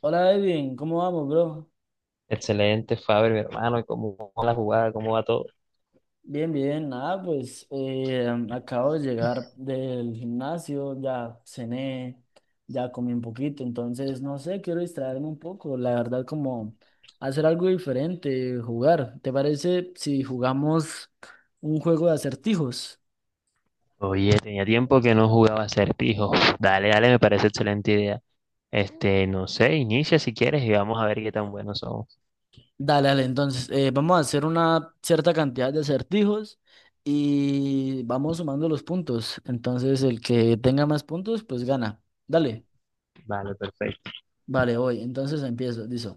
Hola Edwin, ¿cómo vamos, bro? Excelente, Faber, mi hermano, ¿cómo va la jugada? ¿Cómo va todo? Bien, bien, nada, pues acabo de llegar del gimnasio, ya cené, ya comí un poquito, entonces no sé, quiero distraerme un poco, la verdad, como hacer algo diferente, jugar. ¿Te parece si jugamos un juego de acertijos? Oye, tenía tiempo que no jugaba acertijos. Dale, dale, me parece excelente idea. Este, no sé, inicia si quieres y vamos a ver qué tan buenos somos. Dale, dale, entonces vamos a hacer una cierta cantidad de acertijos y vamos sumando los puntos, entonces el que tenga más puntos, pues gana. Dale. Vale, perfecto. Vale, voy. Entonces empiezo. Dice,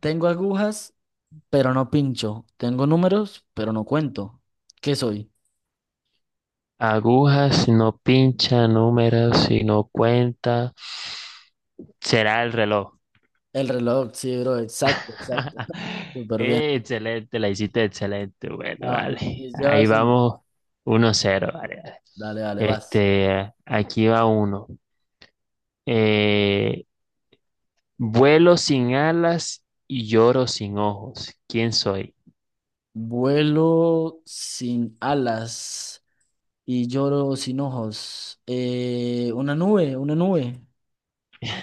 tengo agujas, pero no pincho. Tengo números, pero no cuento. ¿Qué soy? Agujas si no pincha, números si no cuenta, será el reloj. El reloj, sí, bro. Exacto, exacto. Súper bien. Excelente, la hiciste excelente. Va, Bueno, va, vale, entonces ahí llevas uno. vamos. Uno cero, vale, vale. Dale, dale, vas. Este, aquí va uno. Eh, Vuelo sin alas y lloro sin ojos. ¿Quién soy? Vuelo sin alas y lloro sin ojos. Una nube, una nube.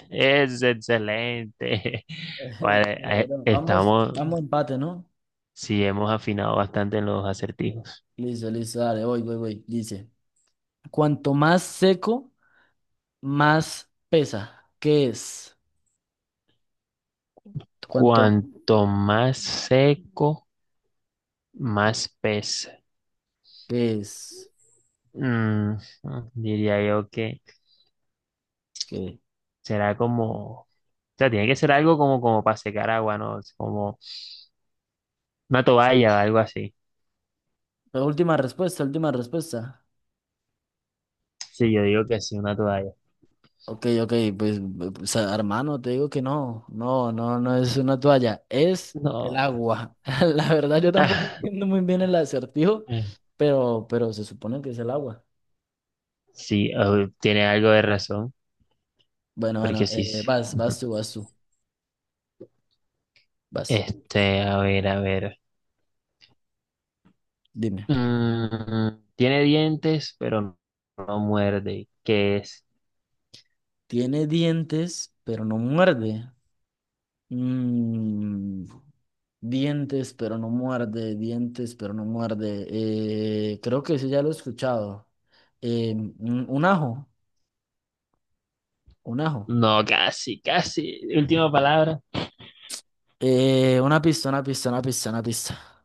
Es excelente. Ey, Vale, dale, bro, vamos, estamos, vamos a empate, ¿no? sí, hemos afinado bastante en los acertijos. Listo, listo, dale, voy, voy, voy. Dice, cuanto más seco, más pesa? ¿Qué es? ¿Cuánto Cuanto más seco, más pesa. qué es? Mm, diría yo que ¿Qué? será como, o sea, tiene que ser algo como, como para secar agua, ¿no? Es como una toalla, algo así. La última respuesta, última respuesta. Sí, yo digo que sí, una toalla. Ok, ok, pues, o hermano, te digo que no, no, no, no es una toalla, es el No. agua. La verdad, yo tampoco entiendo muy bien el acertijo, Eh, pero se supone que es el agua. sí, oh, tiene algo de razón, Bueno, bueno, porque sí. Sí. vas, Ujú. vas tú, vas tú, vas, Este, a ver, a ver. dime. Tiene dientes, pero no muerde. ¿Qué es? Tiene dientes, pero no muerde. Mm, Dientes, pero no muerde, dientes, pero no muerde. Creo que ese ya lo he escuchado. Un ajo, un ajo. No, casi, casi. Última palabra. Una pista, una pista, una pista, una pista.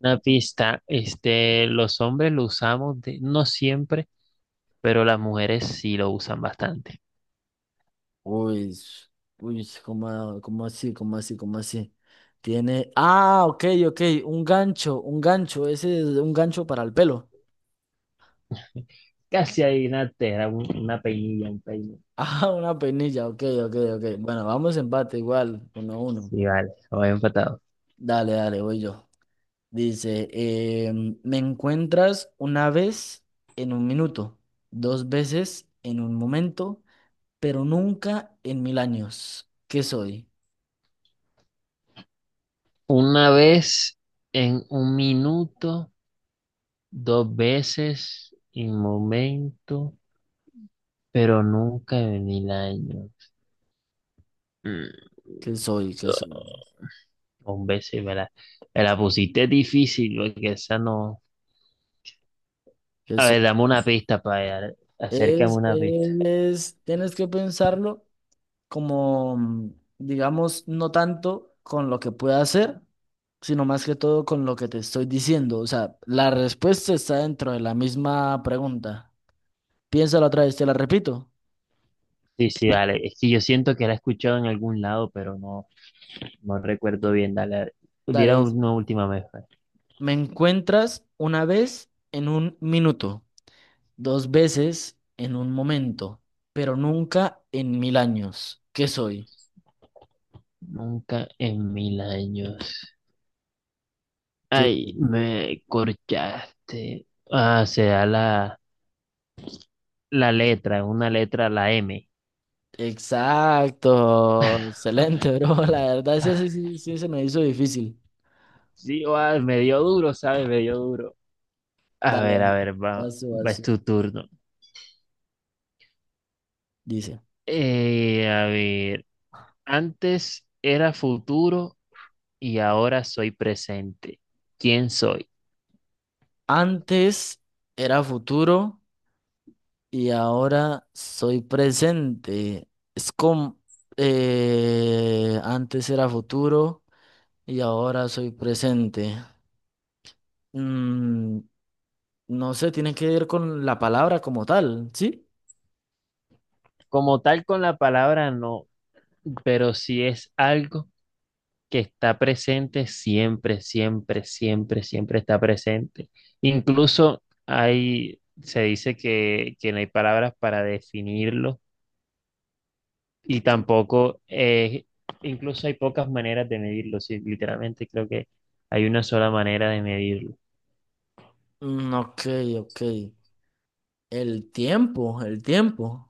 Una pista. Este, los hombres lo usamos de- no siempre, pero las mujeres sí lo usan bastante. Uy, uy, ¿cómo, cómo así, cómo así, cómo así? Tiene. Ah, ok, ok, un gancho, ese es un gancho para el pelo. Casi adivinaste, era un- una peinilla, un peine. Ah, una peinilla, ok, ok, ok. Bueno, vamos empate igual, uno a uno. Sí, vale, voy empatado. Dale, dale, voy yo. Dice, me encuentras una vez en un minuto, dos veces en un momento, pero nunca en mil años. ¿Qué soy? Una vez en un minuto, dos veces en momento, pero nunca en el año. Mm, ¿Qué soy? ¿Qué soy? Hombre, sí, me la pusiste difícil, porque esa no. ¿Qué A soy? ver, dame una pista para allá. Acércame una pista. Tienes que pensarlo como, digamos, no tanto con lo que pueda hacer, sino más que todo con lo que te estoy diciendo. O sea, la respuesta está dentro de la misma pregunta. Piénsalo otra vez, te la repito. Sí, sí, dale. Es que yo siento que la he escuchado en algún lado, pero no, no recuerdo bien. Dale, dale. Dale, Diera dice. una última vez, pues. Me encuentras una vez en un minuto, dos veces en un momento, pero nunca en mil años. ¿Qué soy? Nunca en mil años. ¿Qué Ay, soy? me corchaste. Ah, se la. La letra, una letra, la M. Exacto. Excelente, bro. La verdad, ese sí, sí, sí se me hizo difícil. Sí, va, me dio duro, ¿sabes? Me dio duro. Dale, A dale. ver, va, Vas tú, va, vas es tú. tu turno. Dice, A ver, antes era futuro y ahora soy presente. ¿Quién soy? antes era futuro y ahora soy presente. Es como, antes era futuro y ahora soy presente. Mm, no sé, tiene que ver con la palabra como tal, ¿sí? Como tal con la palabra no, pero si es algo que está presente siempre, siempre, siempre, siempre está presente. Incluso hay, se dice que no hay palabras para definirlo y tampoco, incluso hay pocas maneras de medirlo, sí, literalmente creo que hay una sola manera de medirlo. Ok, ok. El tiempo, el tiempo.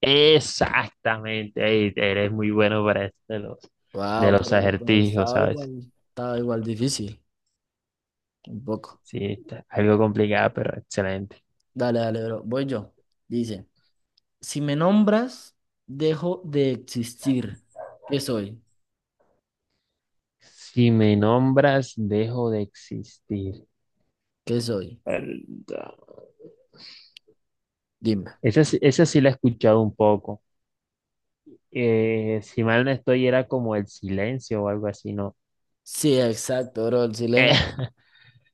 Exactamente, ey, eres muy bueno para esto de Wow, los pero acertijos, ¿sabes? Estaba igual difícil, un poco. Sí, está algo complicado, pero excelente. Dale, dale, bro. Voy yo. Dice, si me nombras, dejo de existir. ¿Qué soy? Si me nombras, dejo de existir. ¿Qué soy? Verdad. Dime. Esa sí la he escuchado un poco. Si mal no estoy, era como el silencio o algo así, ¿no? Sí, exacto, bro. El Eh, silencio.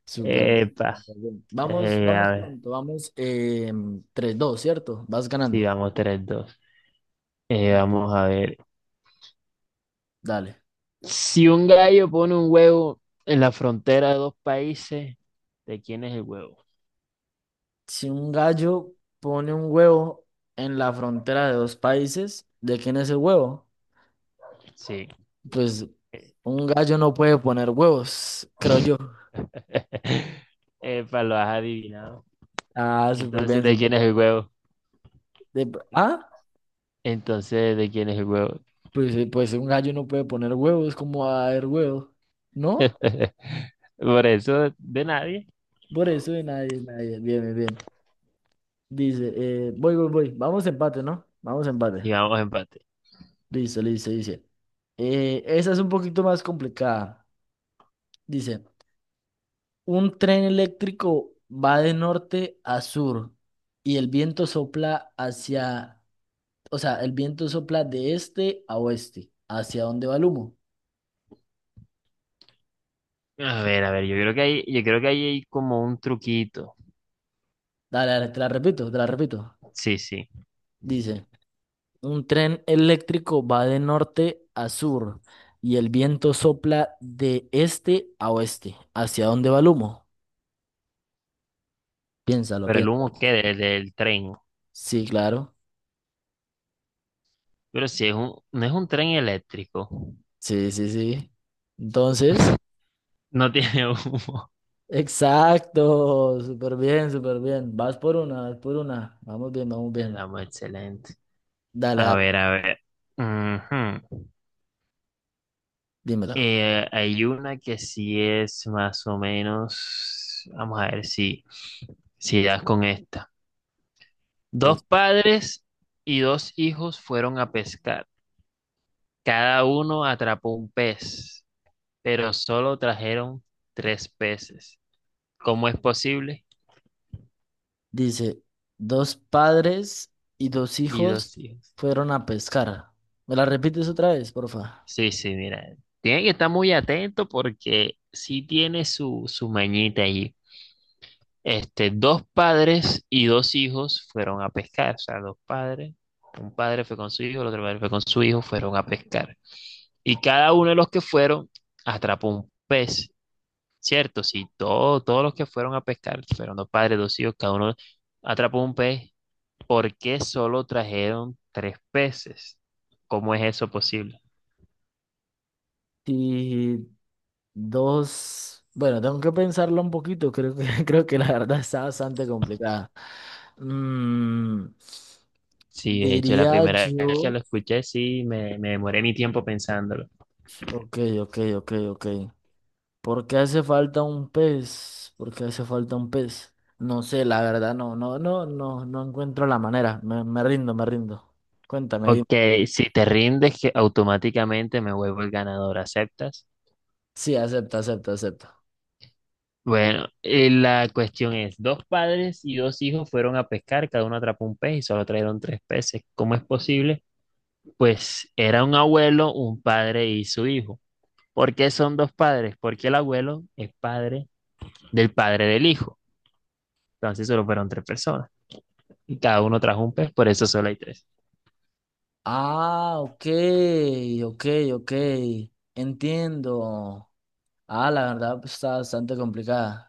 Súper bien, epa, súper bien. Vamos, a vamos ver. pronto, vamos, 3-2, ¿cierto? Vas Sí, ganando. vamos tres dos. Vamos a ver. Dale. Si un gallo pone un huevo en la frontera de dos países, ¿de quién es el huevo? Si un gallo pone un huevo en la frontera de dos países, ¿de quién es el huevo? Sí. Pues un gallo no puede poner huevos, creo yo. Epa, lo has adivinado. Ah, súper Entonces, bien, ¿de súper quién es el bien. huevo? De- ah, Entonces, ¿de quién es el huevo? pues, pues un gallo no puede poner huevos, ¿cómo va a haber huevos? ¿No? Por eso, de nadie. Por eso de nadie, nadie. Bien, bien, bien. Dice, voy, voy, voy. Vamos empate, ¿no? Vamos empate. Sigamos empate. Listo, listo, dice. Esa es un poquito más complicada. Dice, un tren eléctrico va de norte a sur y el viento sopla hacia, o sea, el viento sopla de este a oeste. ¿Hacia dónde va el humo? A ver, yo creo que hay, yo creo que ahí hay como un truquito. Dale, dale, te la repito, te la repito. Sí, sí. Dice, un tren eléctrico va de norte a sur y el viento sopla de este a oeste. ¿Hacia dónde va el humo? Piénsalo, Pero el piénsalo. humo qué del tren. Sí, claro. Pero si es un, no es un tren eléctrico. Sí, sí, sí. Entonces... No tiene humo. Exacto, súper bien, súper bien. Vas por una, vas por una. Vamos bien, vamos El bien. amo, excelente. Dale, A dale, ver, a ver. Ujú. dímelo. Hay una que sí es más o menos. Vamos a ver si, si das con esta. Dos Es- padres y dos hijos fueron a pescar. Cada uno atrapó un pez, pero solo trajeron tres peces. ¿Cómo es posible? Dice, dos padres y dos Y hijos dos hijos. fueron a pescar. ¿Me la repites otra vez, porfa? Sí, sí, mira. Tiene que estar muy atento porque sí tiene su, su mañita allí. Este, dos padres y dos hijos fueron a pescar, o sea, dos padres, un padre fue con su hijo, el otro padre fue con su hijo, fueron a pescar. Y cada uno de los que fueron atrapó un pez, ¿cierto? Sí, todo- todos los que fueron a pescar, fueron dos padres, dos hijos, cada uno atrapó un pez. ¿Por qué solo trajeron tres peces? ¿Cómo es eso posible? Y dos, bueno, tengo que pensarlo un poquito, creo que, creo que la verdad está bastante complicada. Mm, Sí, de hecho, la diría primera vez que yo, lo escuché, sí, me demoré mi tiempo pensándolo. ok, ok, ok, ok. ¿Por qué hace falta un pez? ¿Por qué hace falta un pez? No sé, la verdad, no, no, no, no, no encuentro la manera. Me rindo, me rindo. Cuéntame, dime. Ok, si te rindes, que automáticamente me vuelvo el ganador, ¿aceptas? Sí, acepto, acepto, acepto. Bueno, la cuestión es, dos padres y dos hijos fueron a pescar, cada uno atrapó un pez y solo trajeron tres peces. ¿Cómo es posible? Pues era un abuelo, un padre y su hijo. ¿Por qué son dos padres? Porque el abuelo es padre del hijo. Entonces solo fueron tres personas y cada uno trajo un pez, por eso solo hay tres. Ah, ok, ok, ok. Entiendo. Ah, la verdad pues, está bastante complicada.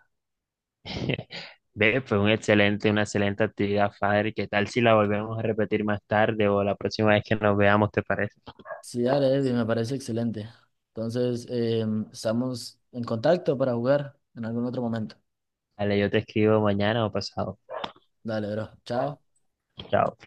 Ve, fue un excelente, una excelente actividad, Fader. ¿Qué tal si la volvemos a repetir más tarde o la próxima vez que nos veamos, te parece? Sí, dale, Evi, me parece excelente. Entonces, estamos en contacto para jugar en algún otro momento. Dale, yo te escribo mañana o pasado. Dale, bro. Chao. Chao.